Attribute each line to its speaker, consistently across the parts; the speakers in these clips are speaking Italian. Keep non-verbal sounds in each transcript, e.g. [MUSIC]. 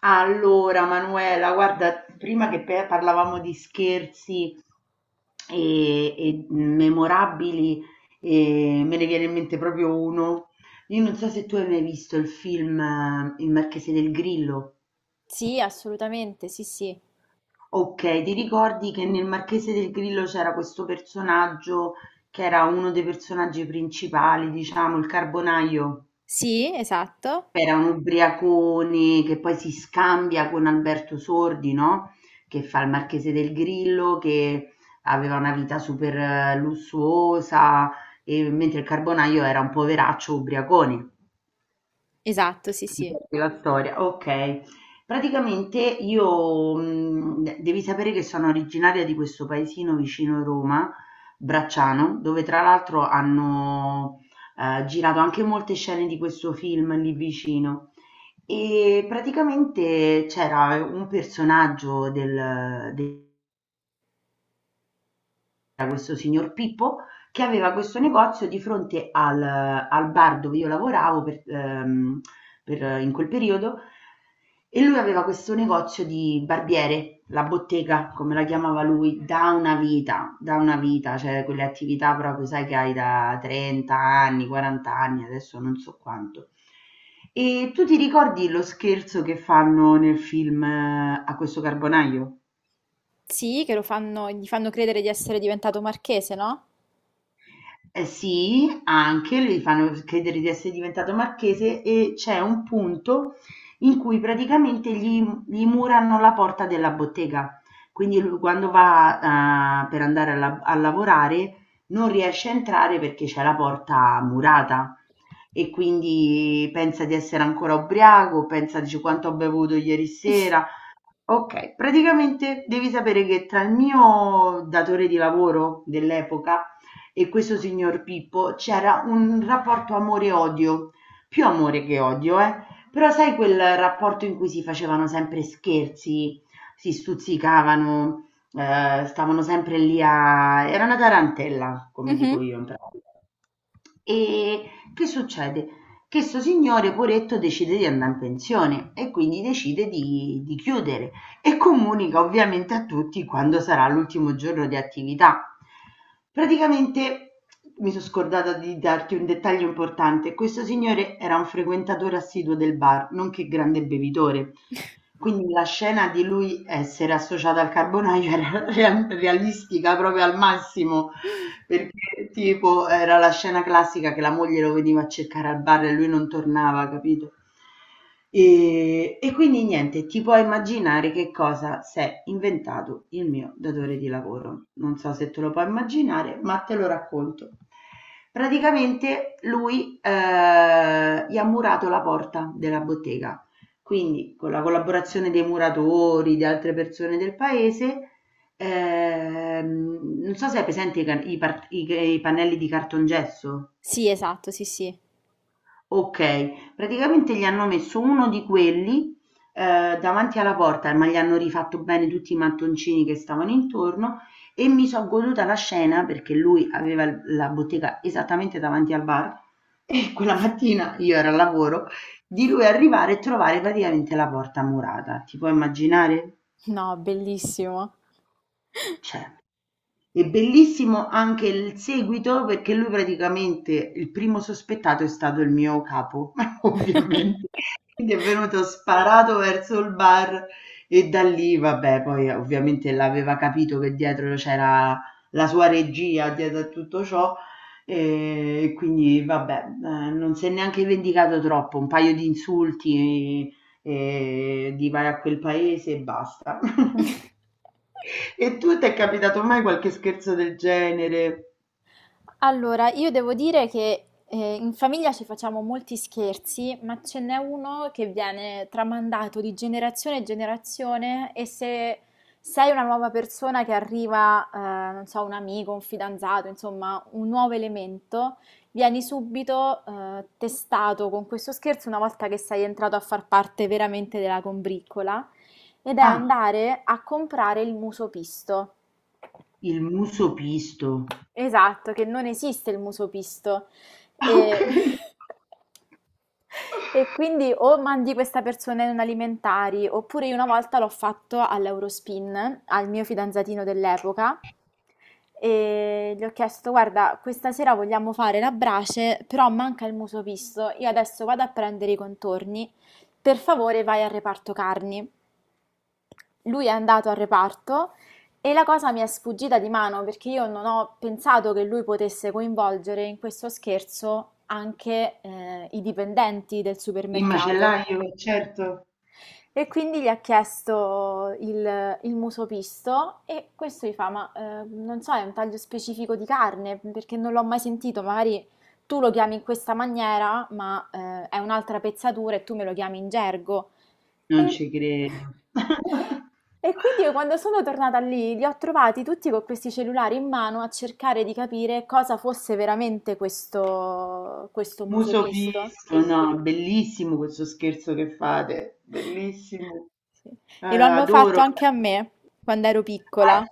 Speaker 1: Allora, Manuela, guarda, prima che parlavamo di scherzi e memorabili, e me ne viene in mente proprio uno. Io non so se tu hai mai visto il film Il Marchese del Grillo.
Speaker 2: Sì, assolutamente, sì, sì.
Speaker 1: Ok, ti ricordi che nel Marchese del Grillo c'era questo personaggio che era uno dei personaggi principali, diciamo, il carbonaio?
Speaker 2: Sì, esatto.
Speaker 1: Era un ubriacone che poi si scambia con Alberto Sordi, no, che fa il Marchese del Grillo, che aveva una vita super lussuosa, e mentre il Carbonaio era un poveraccio ubriacone.
Speaker 2: Esatto, sì,
Speaker 1: Ti
Speaker 2: sì.
Speaker 1: ricordi la storia? Ok. Praticamente io, devi sapere che sono originaria di questo paesino vicino Roma, Bracciano, dove tra l'altro hanno girato anche molte scene di questo film lì vicino. E praticamente c'era un personaggio. Del, del C'era questo signor Pippo che aveva questo negozio di fronte al, bar dove io lavoravo in quel periodo e lui aveva questo negozio di barbiere, la bottega, come la chiamava lui, da una vita, cioè quelle attività proprio, sai, che hai da 30 anni, 40 anni, adesso non so quanto. E tu ti ricordi lo scherzo che fanno nel film, a questo carbonaio?
Speaker 2: Sì, che lo fanno, gli fanno credere di essere diventato marchese, no?
Speaker 1: Sì, anche gli fanno credere di essere diventato marchese e c'è un punto in cui praticamente gli murano la porta della bottega. Quindi lui quando va per andare a lavorare non riesce a entrare perché c'è la porta murata e quindi pensa di essere ancora ubriaco, pensa, dice: "Quanto ho bevuto ieri sera". Okay, praticamente devi sapere che tra il mio datore di lavoro dell'epoca e questo signor Pippo c'era un rapporto amore-odio, più amore che odio, però sai, quel rapporto in cui si facevano sempre scherzi, si stuzzicavano, stavano sempre lì, a era una tarantella, come dico
Speaker 2: Mhm.
Speaker 1: io in pratica. E che succede? Che sto signore, poretto, decide di andare in pensione e quindi decide di chiudere e comunica ovviamente a tutti quando sarà l'ultimo giorno di attività. Praticamente mi sono scordata di darti un dettaglio importante. Questo signore era un frequentatore assiduo del bar, nonché grande bevitore. Quindi la scena di lui essere associato al carbonaio [LAUGHS] era realistica proprio al massimo, perché tipo era la scena classica, che la moglie lo veniva a cercare al bar e lui non tornava, capito? E quindi niente, ti puoi immaginare che cosa si è inventato il mio datore di lavoro. Non so se te lo puoi immaginare, ma te lo racconto. Praticamente lui gli ha murato la porta della bottega, quindi con la collaborazione dei muratori, di altre persone del paese. Non so se hai presente i, can- i par- i- i pannelli di cartongesso.
Speaker 2: Sì, esatto, sì, sì.
Speaker 1: Ok, praticamente gli hanno messo uno di quelli davanti alla porta, ma gli hanno rifatto bene tutti i mattoncini che stavano intorno e mi sono goduta la scena, perché lui aveva la bottega esattamente davanti al bar e quella mattina io ero al lavoro, di lui arrivare e trovare praticamente la porta murata. Ti puoi immaginare?
Speaker 2: No, bellissimo.
Speaker 1: Cioè. È bellissimo anche il seguito, perché lui praticamente il primo sospettato è stato il mio capo, [LAUGHS] ovviamente.
Speaker 2: [LAUGHS]
Speaker 1: Quindi è venuto sparato verso il bar e da lì, vabbè, poi ovviamente l'aveva capito che dietro c'era la sua regia, dietro a tutto ciò, e quindi vabbè, non si è neanche vendicato troppo, un paio di insulti di vai a quel paese e basta. [LAUGHS] E tu ti è capitato mai qualche scherzo del genere?
Speaker 2: Allora, io devo dire che in famiglia ci facciamo molti scherzi, ma ce n'è uno che viene tramandato di generazione in generazione e se sei una nuova persona che arriva, non so, un amico, un fidanzato, insomma, un nuovo elemento, vieni subito testato con questo scherzo una volta che sei entrato a far parte veramente della combriccola ed è
Speaker 1: Ah,
Speaker 2: andare a comprare il muso pisto.
Speaker 1: il muso pisto.
Speaker 2: Esatto, che non esiste il muso pisto.
Speaker 1: Ah,
Speaker 2: E...
Speaker 1: okay.
Speaker 2: [LAUGHS] E quindi o mandi questa persona in un alimentari, oppure io una volta l'ho fatto all'Eurospin, al mio fidanzatino dell'epoca, e gli ho chiesto, guarda, questa sera vogliamo fare la brace, però manca il muso pisto, io adesso vado a prendere i contorni, per favore vai al reparto carni. Lui è andato al reparto e la cosa mi è sfuggita di mano perché io non ho pensato che lui potesse coinvolgere in questo scherzo anche i dipendenti del
Speaker 1: Il
Speaker 2: supermercato.
Speaker 1: macellaio, certo.
Speaker 2: E quindi gli ha chiesto il muso pisto e questo gli fa, ma non so, è un taglio specifico di carne perché non l'ho mai sentito, magari tu lo chiami in questa maniera, ma è un'altra pezzatura e tu me lo chiami in gergo.
Speaker 1: Non
Speaker 2: E
Speaker 1: ci credo.
Speaker 2: [LAUGHS]
Speaker 1: [LAUGHS]
Speaker 2: e quindi io quando sono tornata lì, li ho trovati tutti con questi cellulari in mano a cercare di capire cosa fosse veramente questo, questo muso
Speaker 1: Muso
Speaker 2: pisto.
Speaker 1: pisto, no, bellissimo questo scherzo che fate, bellissimo.
Speaker 2: Sì. E lo hanno
Speaker 1: Adoro.
Speaker 2: fatto anche a me quando ero
Speaker 1: Ah,
Speaker 2: piccola.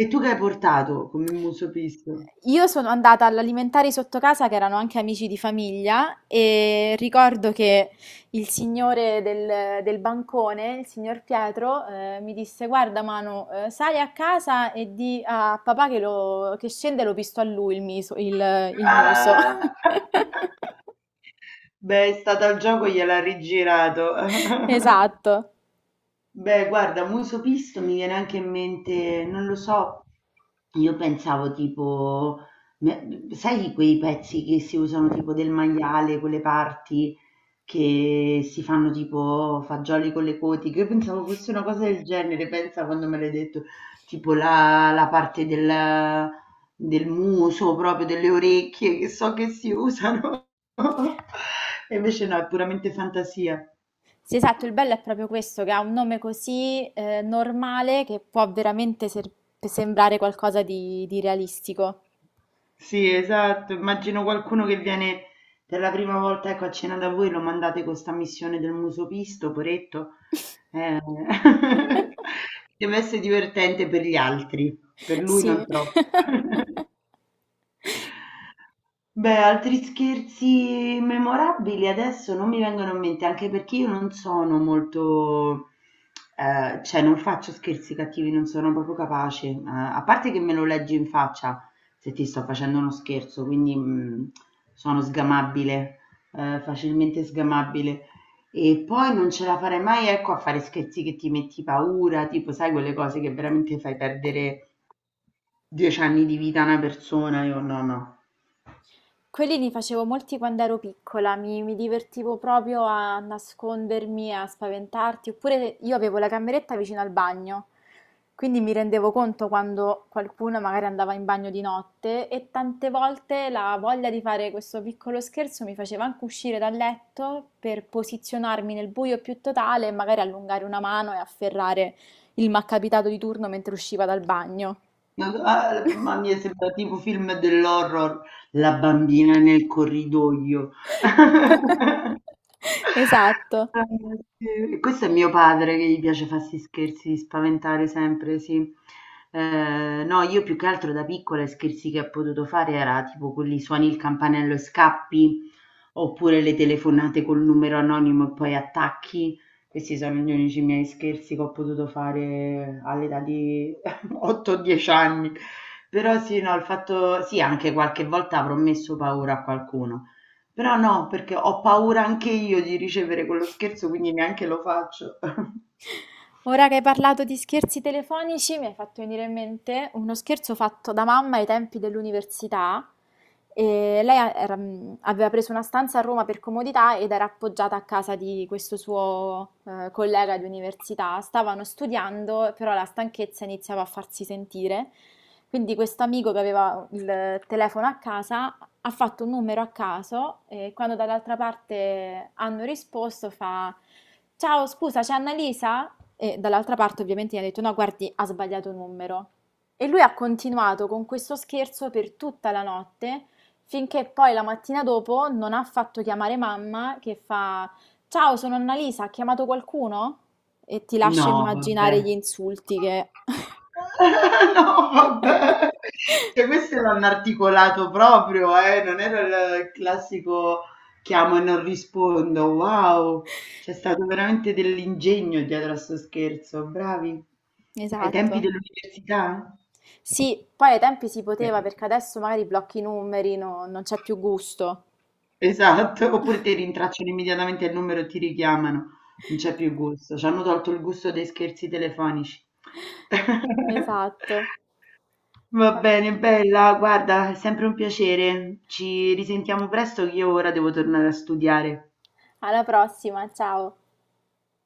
Speaker 1: e tu che hai portato come muso pisto?
Speaker 2: Io sono andata all'alimentari sotto casa che erano anche amici di famiglia e ricordo che il signore del bancone, il signor Pietro, mi disse: Guarda, Manu, sali a casa e di a papà che, che scende e lo pisto a lui il, il muso.
Speaker 1: Ah!
Speaker 2: [LAUGHS]
Speaker 1: [LAUGHS] Beh, è stato al gioco, gliel'ha rigirato. [LAUGHS]
Speaker 2: Esatto.
Speaker 1: Beh, guarda, muso pisto mi viene anche in mente, non lo so, io pensavo tipo, sai quei pezzi che si usano tipo del maiale, quelle parti che si fanno tipo fagioli con le coti, che io pensavo fosse una cosa del genere, pensa quando me l'hai detto, tipo la parte del muso, proprio delle orecchie, che so che si usano, [LAUGHS] e invece no, è puramente fantasia.
Speaker 2: Sì, esatto, il bello è proprio questo, che ha un nome così normale che può veramente sembrare qualcosa di realistico.
Speaker 1: Sì, esatto. Immagino qualcuno che viene per la prima volta, ecco, a cena da voi, lo mandate con sta missione del muso pisto, poretto. Eh, [LAUGHS]
Speaker 2: [LAUGHS]
Speaker 1: deve essere divertente per gli altri, per lui non
Speaker 2: Sì.
Speaker 1: troppo.
Speaker 2: [LAUGHS]
Speaker 1: Beh, altri scherzi memorabili adesso non mi vengono in mente, anche perché io non sono molto, cioè non faccio scherzi cattivi, non sono proprio capace, a parte che me lo leggi in faccia se ti sto facendo uno scherzo, quindi sono sgamabile, facilmente sgamabile. E poi non ce la farei mai, ecco, a fare scherzi che ti metti paura, tipo, sai, quelle cose che veramente fai perdere 10 anni di vita a una persona, io no, no.
Speaker 2: Quelli li facevo molti quando ero piccola, mi divertivo proprio a nascondermi, a spaventarti, oppure io avevo la cameretta vicino al bagno, quindi mi rendevo conto quando qualcuno magari andava in bagno di notte e tante volte la voglia di fare questo piccolo scherzo mi faceva anche uscire dal letto per posizionarmi nel buio più totale e magari allungare una mano e afferrare il malcapitato di turno mentre usciva dal bagno.
Speaker 1: Ah, ma mi è sembrato tipo film dell'horror, la bambina nel corridoio. [LAUGHS]
Speaker 2: [LAUGHS] Esatto.
Speaker 1: Ah, sì. Questo è mio padre che gli piace farsi scherzi, di spaventare sempre, sì. No, io più che altro da piccola i scherzi che ho potuto fare era tipo quelli, suoni il campanello e scappi, oppure le telefonate col numero anonimo e poi attacchi. Questi sono gli unici miei scherzi che ho potuto fare all'età di 8 o 10 anni, però sì, no, il fatto, sì, anche qualche volta avrò messo paura a qualcuno, però no, perché ho paura anche io di ricevere quello scherzo, quindi neanche lo faccio. [LAUGHS]
Speaker 2: Ora che hai parlato di scherzi telefonici, mi hai fatto venire in mente uno scherzo fatto da mamma ai tempi dell'università. E lei aveva preso una stanza a Roma per comodità ed era appoggiata a casa di questo suo collega di università. Stavano studiando, però la stanchezza iniziava a farsi sentire. Quindi questo amico che aveva il telefono a casa ha fatto un numero a caso e quando dall'altra parte hanno risposto fa: Ciao, scusa, c'è Annalisa? E dall'altra parte ovviamente gli ha detto: No, guardi, ha sbagliato un numero. E lui ha continuato con questo scherzo per tutta la notte, finché poi la mattina dopo non ha fatto chiamare mamma che fa: Ciao, sono Annalisa, ha chiamato qualcuno? E ti lascio
Speaker 1: No,
Speaker 2: immaginare gli
Speaker 1: vabbè.
Speaker 2: insulti
Speaker 1: [LAUGHS]
Speaker 2: che...
Speaker 1: No, vabbè. Cioè,
Speaker 2: [LAUGHS]
Speaker 1: questo l'hanno articolato proprio, non era il classico chiamo e non rispondo. Wow, c'è stato veramente dell'ingegno dietro a sto scherzo, bravi. Ai tempi
Speaker 2: Esatto.
Speaker 1: dell'università?
Speaker 2: Sì, poi ai tempi si
Speaker 1: Eh,
Speaker 2: poteva perché adesso magari blocchi i numeri, non c'è più gusto.
Speaker 1: Esatto, oppure ti rintracciano immediatamente il numero e ti richiamano. Non c'è più gusto, ci hanno tolto il gusto dei scherzi telefonici. [LAUGHS]
Speaker 2: Esatto.
Speaker 1: Va
Speaker 2: Ma-
Speaker 1: bene, bella, guarda, è sempre un piacere. Ci risentiamo presto che io ora devo tornare a studiare.
Speaker 2: Alla prossima, ciao.